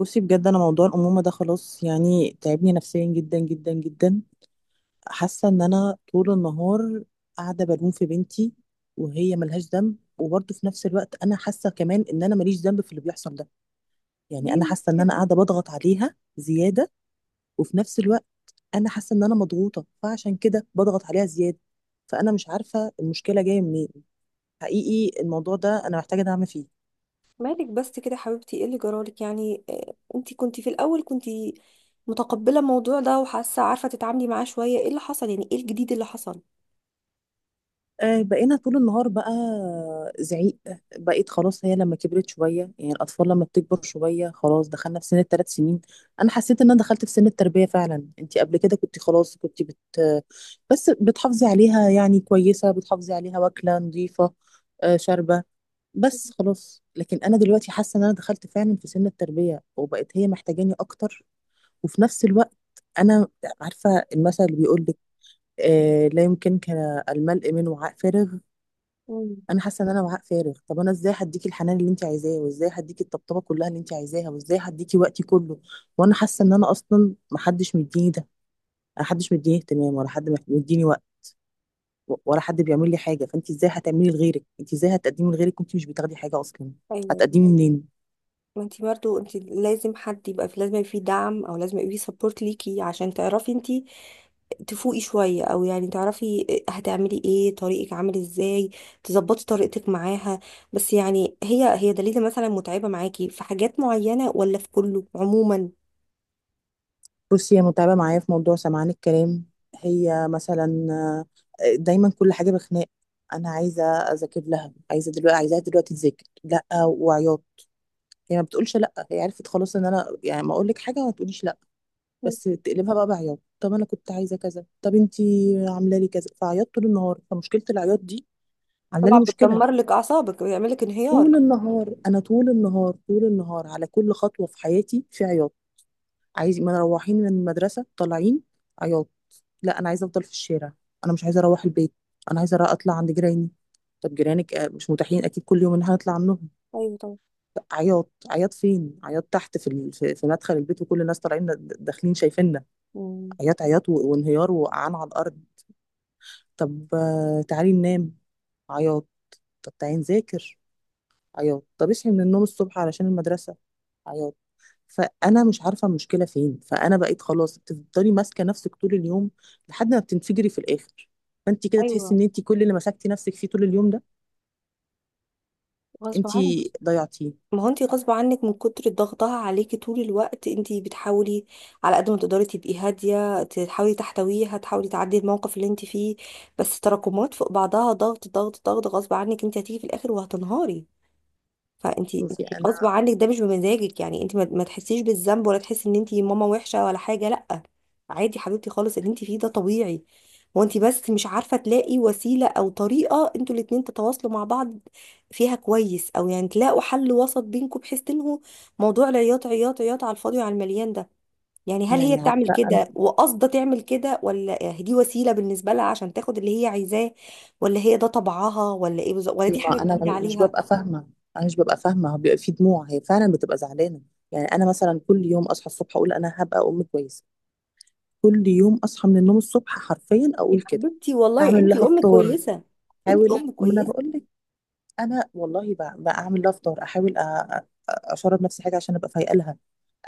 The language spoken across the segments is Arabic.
بصي، بجد انا موضوع الامومه ده خلاص، يعني تعبني نفسيا جدا جدا جدا. حاسه ان انا طول النهار قاعده بلوم في بنتي وهي ملهاش ذنب، وبرضه في نفس الوقت انا حاسه كمان ان انا ماليش ذنب في اللي بيحصل ده. يعني ليه انا بس حاسه ان انا كده؟ قاعده بضغط عليها زياده، وفي نفس الوقت انا حاسه ان انا مضغوطه، فعشان كده بضغط عليها زياده. فانا مش عارفه المشكله جايه منين. حقيقي الموضوع ده انا محتاجه دعم فيه. مالك بس كده يا حبيبتي، ايه اللي جرالك؟ يعني انتي كنتي في الاول كنتي متقبله الموضوع ده، وحاسه عارفه تتعاملي معاه شويه. ايه اللي حصل؟ يعني ايه الجديد اللي حصل؟ بقينا طول النهار بقى زعيق. بقيت خلاص، هي لما كبرت شوية، يعني الأطفال لما بتكبر شوية خلاص دخلنا في سن الثلاث سنين. أنا حسيت إن أنا دخلت في سن التربية فعلا. أنت قبل كده كنت خلاص، كنت بس بتحافظي عليها، يعني كويسة، بتحافظي عليها واكلة نظيفة، شاربة، بس خلاص. لكن أنا دلوقتي حاسة إن أنا دخلت فعلا في سن التربية، وبقت هي محتاجاني أكتر. وفي نفس الوقت أنا عارفة المثل اللي بيقول لك لا يمكنك الملء من وعاء فارغ. مم. انا حاسه ان انا وعاء فارغ. طب انا ازاي هديكي الحنان اللي انت عايزاه، وازاي هديكي الطبطبه كلها اللي انت عايزاها، وازاي هديكي وقتي كله، وانا حاسه ان انا اصلا محدش مديني ده؟ محدش مديني اهتمام، ولا حد مديني وقت، ولا حد بيعمل لي حاجه. فانت ازاي هتعملي لغيرك، انت ازاي هتقدمي لغيرك وانت مش بتاخدي حاجه اصلا؟ ايوه. هتقدمي منين؟ ما انتي برضه انتي لازم حد يبقى في، لازم يبقى فيه دعم او لازم يبقى فيه سبورت ليكي عشان تعرفي انتي تفوقي شويه، او يعني تعرفي هتعملي ايه، طريقك عامل ازاي، تظبطي طريقتك معاها. بس يعني هي دليلة مثلا متعبه معاكي في حاجات معينه، ولا في كله عموما؟ بصي، هي متعبه معايا في موضوع سمعان الكلام. هي مثلا دايما كل حاجه بخناق. انا عايزه اذاكر لها، عايزه دلوقتي، عايزاها دلوقتي تذاكر، لا وعياط. يعني ما بتقولش لا، هي عرفت خلاص ان انا يعني ما اقول لك حاجه ما تقوليش لا، بس تقلبها بقى بعياط. طب انا كنت عايزه كذا، طب انتي عامله لي كذا، فعيطت طول النهار. فمشكله العياط دي عامله لي طبعا مشكله. بتدمر لك اعصابك ويعمل لك انهيار. طول النهار، انا طول النهار طول النهار على كل خطوه في حياتي في عياط. عايز ما أنا روحين من المدرسه، طالعين، عياط. لا انا عايزه افضل في الشارع، انا مش عايزه اروح البيت، انا عايزه اطلع عند جيراني. طب جيرانك مش متاحين اكيد كل يوم ان احنا نطلع عنهم. ايوه طبعا. عياط، عياط، فين عياط، تحت في ال- في في مدخل البيت، وكل الناس طالعين داخلين شايفيننا. مم. عياط، عياط و- وانهيار، وقعان على الارض. طب تعالي ننام، عياط. طب تعالي نذاكر، عياط. طب اصحي من النوم الصبح علشان المدرسة، عياط. فانا مش عارفه المشكله فين. فانا بقيت خلاص بتفضلي ماسكه نفسك طول اليوم لحد ما بتنفجري في الاخر. فانت كده تحسي ايوه، ان انت كل اللي مسكتي نفسك فيه طول اليوم ده غصب انت عنك. ضيعتيه. ما هو انت غصب عنك من كتر ضغطها عليكي طول الوقت، انت بتحاولي على قد ما تقدري تبقي هاديه، تحاولي تحتويها، تحاولي تعدي الموقف اللي انت فيه، بس تراكمات فوق بعضها، ضغط ضغط ضغط، غصب عنك انت هتيجي في الاخر وهتنهاري. فانت شوفي انت غصب انا عنك ده مش بمزاجك، يعني انت ما تحسيش بالذنب ولا تحسي ان انت ماما وحشه ولا حاجه، لا. عادي حبيبتي خالص، اللي انت فيه ده طبيعي. هو انت بس مش عارفه تلاقي وسيله او طريقه انتوا الاتنين تتواصلوا مع بعض فيها كويس، او يعني تلاقوا حل وسط بينكم بحيث تنهوا موضوع العياط، عياط عياط على الفاضي وعلى المليان ده. يعني هل هي يعني بتعمل عارفه. كده وقصده تعمل كده، ولا دي وسيله بالنسبه لها عشان تاخد اللي هي عايزاه، ولا هي ده طبعها، ولا ايه بالظبط، ولا إيه، دي حاجه ما انا جديده مش عليها؟ ببقى فاهمه. انا مش ببقى فاهمه، هو بيبقى في دموع، هي فعلا بتبقى زعلانه. يعني انا مثلا كل يوم اصحى الصبح اقول انا هبقى ام كويسه. كل يوم اصحى من النوم الصبح حرفيا يا اقول كده. حبيبتي، والله اعمل انت لها ام فطار. كويسه. انت احاول، ام ما انا كويسه. بقول لك. انا والله بقى اعمل لها فطار، احاول اشرب نفسي حاجه عشان ابقى فايقه لها.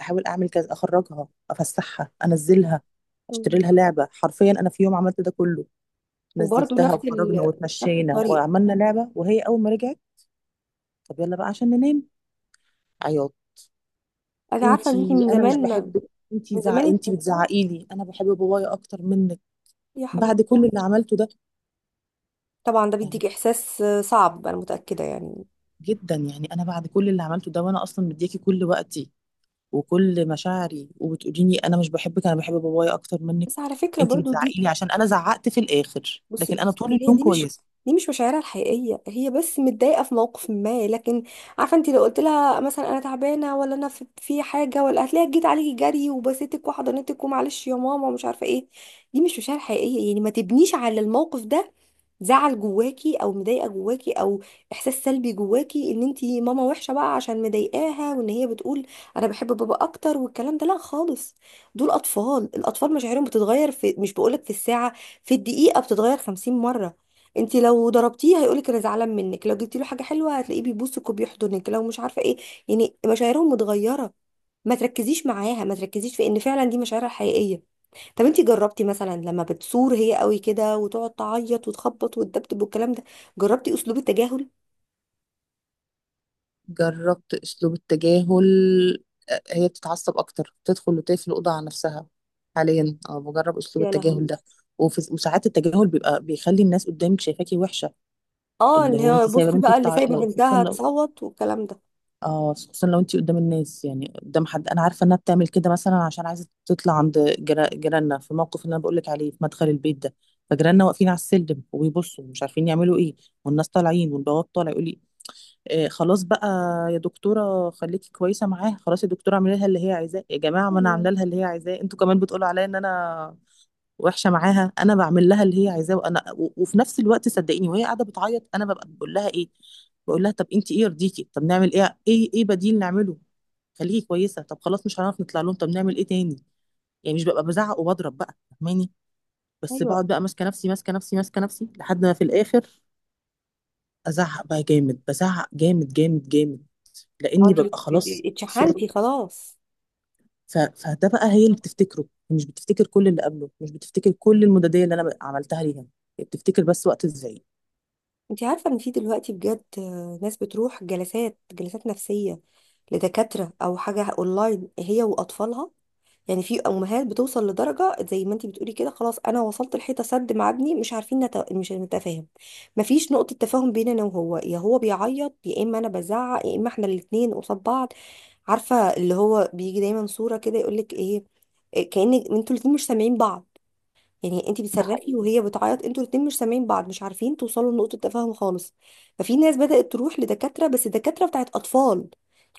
احاول اعمل كذا، اخرجها، افسحها، انزلها، مم. اشتري لها لعبه. حرفيا انا في يوم عملت ده كله. وبرضه نزلتها نفس وخرجنا نفس واتمشينا الطريقه. وعملنا لعبه، وهي اول ما رجعت طب يلا بقى عشان ننام، عياط. انا عارفه ان انت انتي من انا مش زمان، بحبك، من زمان انت انتي بتزعقي لي، انا بحب بابايا اكتر منك. يا بعد حبيبتي. كل اللي عملته ده؟ طبعا ده يعني بيديك احساس صعب، انا متاكده يعني. جدا، يعني انا بعد كل اللي عملته ده وانا اصلا مدياكي كل وقتي وكل مشاعري وبتقوليني انا مش بحبك، انا بحب بابايا اكتر منك. بس على فكره انتي برضه دي، بتزعقي لي عشان انا زعقت في الاخر، بصي لكن انا بصي طول هي اليوم دي مش، كويسه. دي مش مشاعرها الحقيقيه. هي بس متضايقه في موقف ما، لكن عارفه انت لو قلت لها مثلا انا تعبانه، ولا انا في حاجه، ولا هتلاقيها جيت عليكي جري وبسيتك وحضنتك ومعلش يا ماما ومش عارفه ايه. دي مش مشاعر حقيقيه، يعني ما تبنيش على الموقف ده زعل جواكي او مضايقه جواكي او احساس سلبي جواكي ان انت ماما وحشه بقى عشان مضايقاها، وان هي بتقول انا بحب بابا اكتر والكلام ده، لا خالص. دول اطفال، الاطفال مشاعرهم بتتغير في، مش بقولك في الساعه، في الدقيقة بتتغير 50 مرة. انت لو ضربتيه هيقولك انا زعلان منك، لو جبتي له حاجة حلوة هتلاقيه بيبوسك وبيحضنك، لو مش عارفة ايه. يعني مشاعرهم متغيرة. ما تركزيش معاها، ما تركزيش في ان فعلا دي مشاعرها الحقيقية. طب انت جربتي مثلا لما بتصور هي قوي كده وتقعد تعيط وتخبط وتدبدب والكلام ده، جربتي اسلوب التجاهل؟ جربت اسلوب التجاهل. هي بتتعصب اكتر، بتدخل وتقفل الاوضه على نفسها. حاليا بجرب اسلوب يا التجاهل لهوي! ده. وفي وساعات التجاهل بيبقى بيخلي الناس قدامك شايفاكي وحشه. اه، اللي اللي هو هو انت سايبه بصي بقى، بنتك اللي سايبة لو، خصوصا بنتها لو تصوت والكلام ده. اه خصوصا لو انت قدام الناس، يعني قدام حد. انا عارفه انها بتعمل كده مثلا عشان عايزه تطلع عند جيراننا في الموقف اللي انا بقول لك عليه في مدخل البيت ده. فجيراننا واقفين على السلم وبيبصوا مش عارفين يعملوا ايه، والناس طالعين، والبواب طالع يقول لي إيه خلاص بقى، يا دكتورة خليكي كويسة معاها، خلاص يا دكتورة اعملي لها اللي هي عايزاه. يا جماعة، ما انا الله. عاملة لها اللي هي عايزاه، انتوا كمان بتقولوا عليا ان انا وحشة معاها. انا بعمل لها اللي هي عايزاه، وانا و- وفي نفس الوقت صدقيني، وهي قاعدة بتعيط انا ببقى بقول لها ايه؟ بقول لها طب انت ايه يرضيكي، طب نعمل ايه بديل نعمله، خليكي كويسة، طب خلاص مش هنعرف نطلع لهم، طب نعمل ايه تاني. يعني مش ببقى بزعق وبضرب بقى، فاهماني، بس ايوه. بقعد بقى ماسكة نفسي ماسكة نفسي ماسكة نفسي لحد ما في الاخر ازعق بقى جامد، بزعق جامد جامد جامد، ما هو لاني انت ببقى خلاص صرت. اتشحنتي خلاص. فده بقى هي اللي بتفتكره، مش بتفتكر كل اللي قبله، مش بتفتكر كل المدادية اللي انا عملتها ليها، هي بتفتكر بس وقت ازاي. انت عارفة ان في دلوقتي بجد ناس بتروح جلسات جلسات نفسية لدكاترة او حاجة اونلاين هي واطفالها. يعني في امهات بتوصل لدرجة زي ما انت بتقولي كده، خلاص انا وصلت الحيطة سد مع ابني، مش عارفين مش نتفاهم. مفيش نقطة تفاهم بين انا وهو، يا هو بيعيط، يا اما انا بزعق، يا اما احنا الاتنين قصاد بعض. عارفة اللي هو بيجي دايما صورة كده يقولك ايه، إيه، كأن انتوا الاتنين مش سامعين بعض. يعني انت ده بتصرخي حقيقي. وهي بتعيط، انتوا الاتنين مش سامعين بعض، مش عارفين توصلوا لنقطة تفاهم خالص. ففي ناس بدأت تروح لدكاترة، بس دكاترة بتاعت أطفال.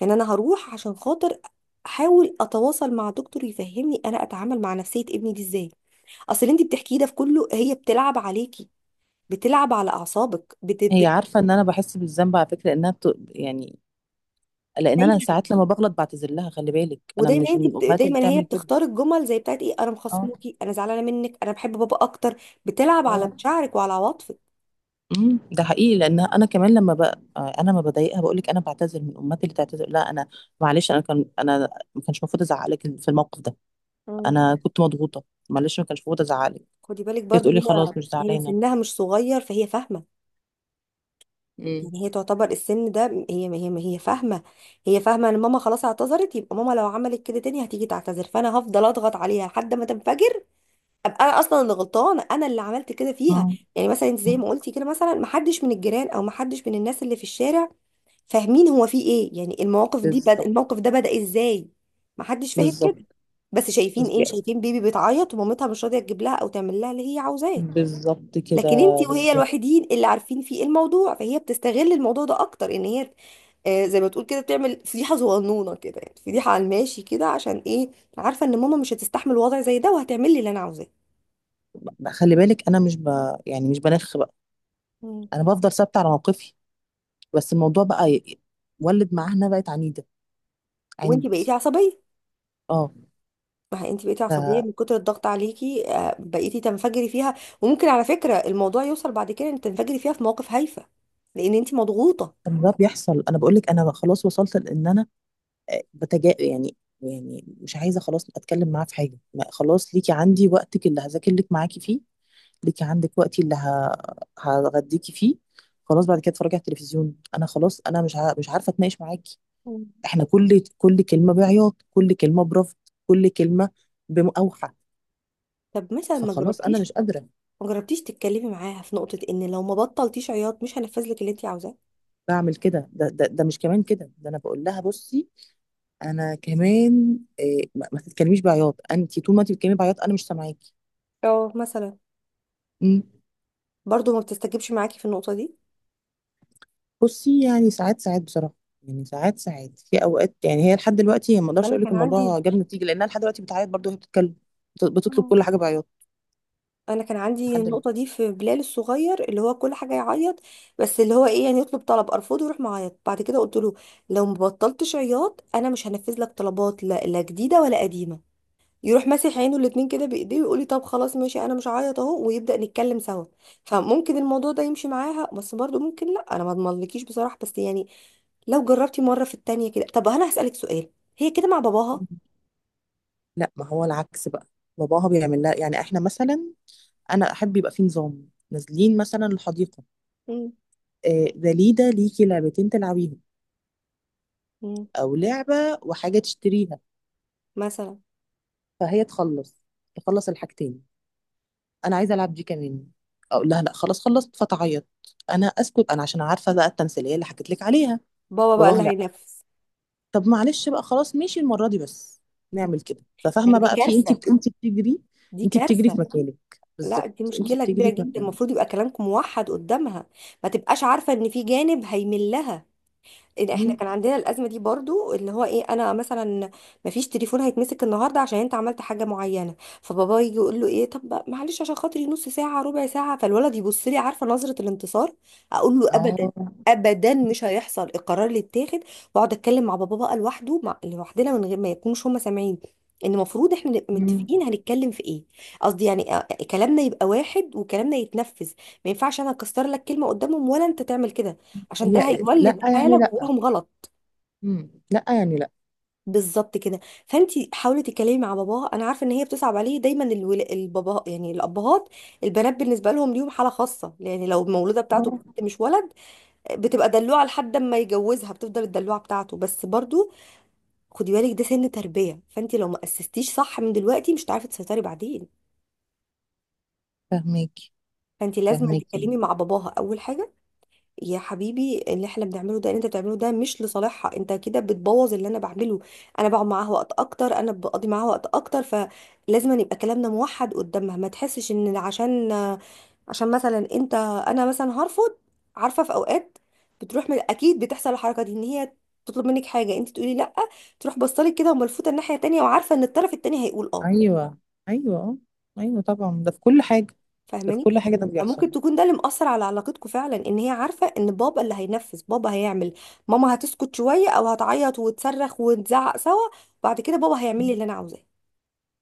يعني أنا هروح عشان خاطر احاول اتواصل مع دكتور يفهمني انا اتعامل مع نفسية ابني دي ازاي. اصل اللي انت بتحكيه ده في كله هي بتلعب عليكي، بتلعب على اعصابك هي عارفة ان انا بحس بالذنب على فكرة، انها يعني لان انا دايما. ساعات لما بغلط بعتذر لها. خلي بالك انا ودايما مش انت من الامهات اللي دايما هي تعمل كده. بتختار الجمل زي بتاعت ايه، انا اه. مخصموكي، انا زعلانه منك، انا بحب بابا اكتر. بتلعب على اه. مشاعرك وعلى عواطفك. ده حقيقي، لان انا كمان لما بقى انا ما بضايقها بقول لك انا بعتذر. من امهاتي اللي تعتذر؟ لا، انا معلش، انا كان انا ما كانش المفروض ازعق لك في الموقف ده، انا كنت مضغوطه، معلش ما كانش المفروض ازعق لك. خدي بالك برضو بتقولي هي، خلاص مش هي زعلانة. سنها مش صغير فهي فاهمة. امم. يعني هي تعتبر السن ده، هي فاهمة. هي فاهمة ان ماما خلاص اعتذرت، يبقى ماما لو عملت كده تاني هتيجي تعتذر، فانا هفضل اضغط عليها لحد ما تنفجر، ابقى انا اصلا اللي غلطانة، انا اللي عملت كده مم. فيها. آه. يعني مثلا انت زي ما قلتي كده، مثلا محدش من الجيران او محدش من الناس اللي في الشارع فاهمين هو في ايه، يعني المواقف دي بالظبط. الموقف ده بدأ ازاي. محدش فاهم كده. بالظبط. بس شايفين ايه، بالظبط. شايفين بيبي بتعيط ومامتها مش راضية تجيب لها او تعمل لها اللي هي عاوزاه. بالظبط كده. لكن انت وهي بالظبط. الوحيدين اللي عارفين فيه الموضوع، فهي بتستغل الموضوع ده اكتر ان هي زي ما تقول كده بتعمل فضيحه صغنونه كده، يعني فضيحه على الماشي كده، عشان ايه؟ عارفه ان ماما مش هتستحمل وضع زي ده وهتعمل لي اللي انا عاوزاه. خلي بالك انا مش ب... يعني مش بنخ بقى، مم. انا بفضل ثابته على موقفي. بس الموضوع بقى ولد معانا، بقت عنيده، وانت عند. بقيتي عصبيه. اه. ما هي انت بقيتي ف عصبيه من كتر الضغط عليكي، بقيتي تنفجري فيها. وممكن على فكره الموضوع يوصل بعد كده ان تنفجري فيها في مواقف هايفه لان انت مضغوطه. طب ده بيحصل. انا بقول لك انا خلاص وصلت لان انا يعني مش عايزه خلاص اتكلم معاه في حاجه، ما خلاص ليكي عندي وقتك اللي هذاكر لك معاكي فيه، ليكي عندك وقتي اللي هغديكي فيه. خلاص بعد كده اتفرجي على التلفزيون، انا خلاص، انا مش عارفه اتناقش معاكي. مم. احنا كل كلمه بعياط، كل كلمه برفض، كل كلمه بأوحى. طب مثلا فخلاص انا مش قادره. ما جربتيش تتكلمي معاها في نقطه ان لو ما بطلتيش عياط مش هنفذ لك اللي انت عاوزاه. بعمل كده. ده مش كمان كده، ده انا بقول لها بصي، انا كمان إيه ما تتكلميش بعياط، انت طول ما انت بتتكلمي بعياط انا مش سامعاكي. اه، مثلا إمم. برضو ما بتستجبش معاكي في النقطة دي. بصي يعني ساعات ساعات بصراحه، يعني ساعات ساعات في اوقات. يعني هي لحد دلوقتي، هي ما اقدرش انا اقول لك كان الموضوع عندي جاب نتيجه لانها لحد دلوقتي بتعيط برضه وهي بتتكلم. بتطلب آه. كل حاجه بعياط انا كان عندي لحد دلوقتي. النقطة دي في بلال الصغير، اللي هو كل حاجة يعيط. بس اللي هو ايه، يعني يطلب طلب ارفضه يروح معيط، بعد كده قلت له لو ما بطلتش عياط انا مش هنفذ لك طلبات، لا لا جديدة ولا قديمة. يروح ماسح عينه الاتنين كده بايديه ويقول لي طب خلاص ماشي، انا مش هعيط اهو، ويبدأ نتكلم سوا. فممكن الموضوع ده يمشي معاها، بس برضو ممكن لا، انا ما اضمنلكيش بصراحة، بس يعني لو جربتي مرة في التانية كده. طب انا هسألك سؤال، هي كده مع باباها؟ لا، ما هو العكس بقى، باباها بيعمل لها. يعني احنا مثلا انا احب يبقى في نظام. نازلين مثلا الحديقه دليده، ليكي لعبتين تلعبيهم مم. او لعبه وحاجه تشتريها. مثلا، فهي تخلص، تخلص الحاجتين. انا عايزه العب دي كمان. اقول لها لا خلاص خلصت، فتعيط. انا اسكت انا، عشان عارفه بقى التمثيليه اللي حكيت لك عليها. بابا بقى باباها اللي لا، هينفذ. طب معلش بقى خلاص ماشي المره دي بس، نعمل كده. هي ففاهمه دي بقى في، انت كارثة، انت بتجري، دي انت بتجري في كارثة. مكانك لا، بالظبط، دي انت مشكلة كبيرة بتجري في جدا، المفروض مكانك. يبقى كلامكم موحد قدامها، ما تبقاش عارفة ان في جانب هيملها. إيه، احنا مم. كان عندنا الازمه دي برضو اللي هو ايه، انا مثلا مفيش تليفون هيتمسك النهارده عشان انت عملت حاجه معينه، فبابا يجي يقول له ايه، طب بقى معلش عشان خاطري نص ساعه ربع ساعه، فالولد يبص لي عارفه نظره الانتصار. اقول له ابدا، اه. ابدا مش هيحصل القرار اللي اتاخد. واقعد اتكلم مع بابا بقى لوحده، مع لوحدنا من غير ما يكونوش هم سامعين، ان المفروض احنا نبقى مم. متفقين هنتكلم في ايه. قصدي يعني كلامنا يبقى واحد وكلامنا يتنفذ، ما ينفعش انا اكسر لك كلمه قدامهم ولا انت تعمل كده، عشان ده هي لا هيولد يعني حاله لا. جواهم غلط. مم. لا يعني لا. بالظبط كده. فانت حاولي تتكلمي مع باباها، انا عارفه ان هي بتصعب عليه دايما البابا، يعني الابهات، البنات بالنسبه لهم ليهم حاله خاصه، يعني لو المولوده بتاعته اه. بنت مش ولد بتبقى دلوعه لحد ما يجوزها، بتفضل الدلوعه بتاعته، بس برضو خدي بالك ده سن تربيه، فانت لو ما اسستيش صح من دلوقتي مش هتعرفي تسيطري بعدين. فاهماكي. فانت لازم فاهماكي. تتكلمي مع باباها اول حاجه. يا حبيبي اللي احنا بنعمله ده اللي انت بتعمله ده مش لصالحها، انت كده بتبوظ اللي انا بعمله، انا بقعد معاها وقت اكتر، انا بقضي معاها وقت اكتر، فلازم أن يبقى كلامنا موحد قدامها، ما تحسش ان عشان مثلا انت، انا مثلا هرفض. عارفه في اوقات بتروح من اكيد بتحصل الحركه دي ان هي تطلب منك حاجه انت تقولي لا، تروح بصلك كده وملفوته الناحيه التانيه وعارفه ان الطرف التاني هيقول اه. ايوه، ايوه، ايوه، طبعا، ده في كل حاجه، ده في كل فاهماني؟ حاجه، ده بيحصل. ممكن تكون ده اللي مأثر على علاقتكم فعلا، ان هي عارفة ان بابا اللي هينفذ، بابا هيعمل، ماما هتسكت شوية او هتعيط وتصرخ ونزعق سوا، بعد كده بابا هيعمل مم. لي اللي انا عاوزاه.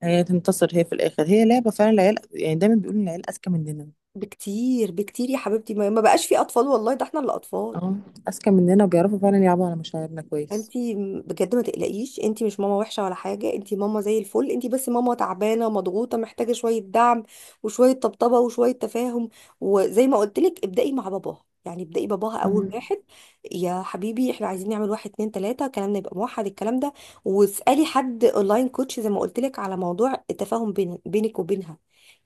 هي تنتصر هي في الاخر، هي لعبه فعلا. العيال يعني دايما بيقولوا ان العيال اذكى مننا. بكتير بكتير يا حبيبتي، ما بقاش في اطفال والله، ده احنا اللي اطفال. اه. اذكى مننا وبيعرفوا فعلا يلعبوا على مشاعرنا كويس. انتي بجد ما تقلقيش، انتي مش ماما وحشه ولا حاجه، انتي ماما زي الفل، انتي بس ماما تعبانه مضغوطه محتاجه شويه دعم وشويه طبطبه وشويه تفاهم. وزي ما قلت لك ابدأي مع باباها، يعني ابدأي باباها اول مم. واحد. يا حبيبي احنا عايزين نعمل واحد اتنين تلاته، كلامنا يبقى موحد الكلام ده. واسألي حد اونلاين كوتش زي ما قلت لك على موضوع التفاهم بينك وبينها.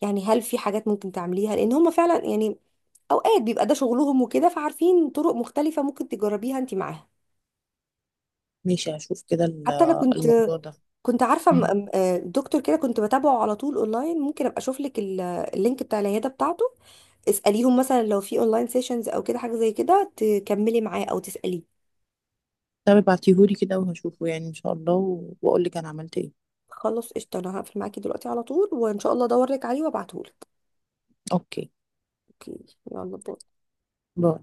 يعني هل في حاجات ممكن تعمليها، لان هما فعلا يعني اوقات بيبقى ده شغلهم وكده، فعارفين طرق مختلفه ممكن تجربيها انتي معاها. ماشي، هشوف كده حتى انا كنت، الموضوع ده. كنت عارفه مم. دكتور كده كنت بتابعه على طول اونلاين، ممكن ابقى اشوف لك اللينك بتاع العياده بتاعته. اساليهم مثلا لو في اونلاين سيشنز او كده حاجه زي كده تكملي معاه او تساليه. طب ابعتيهولي كده وهشوفه يعني ان شاء الله و- واقولك انا عملت ايه. خلاص قشطه، انا هقفل معاكي دلوقتي على طول، وان شاء الله ادور لك عليه وابعته لك. اوكي اوكي، يلا باي. باي.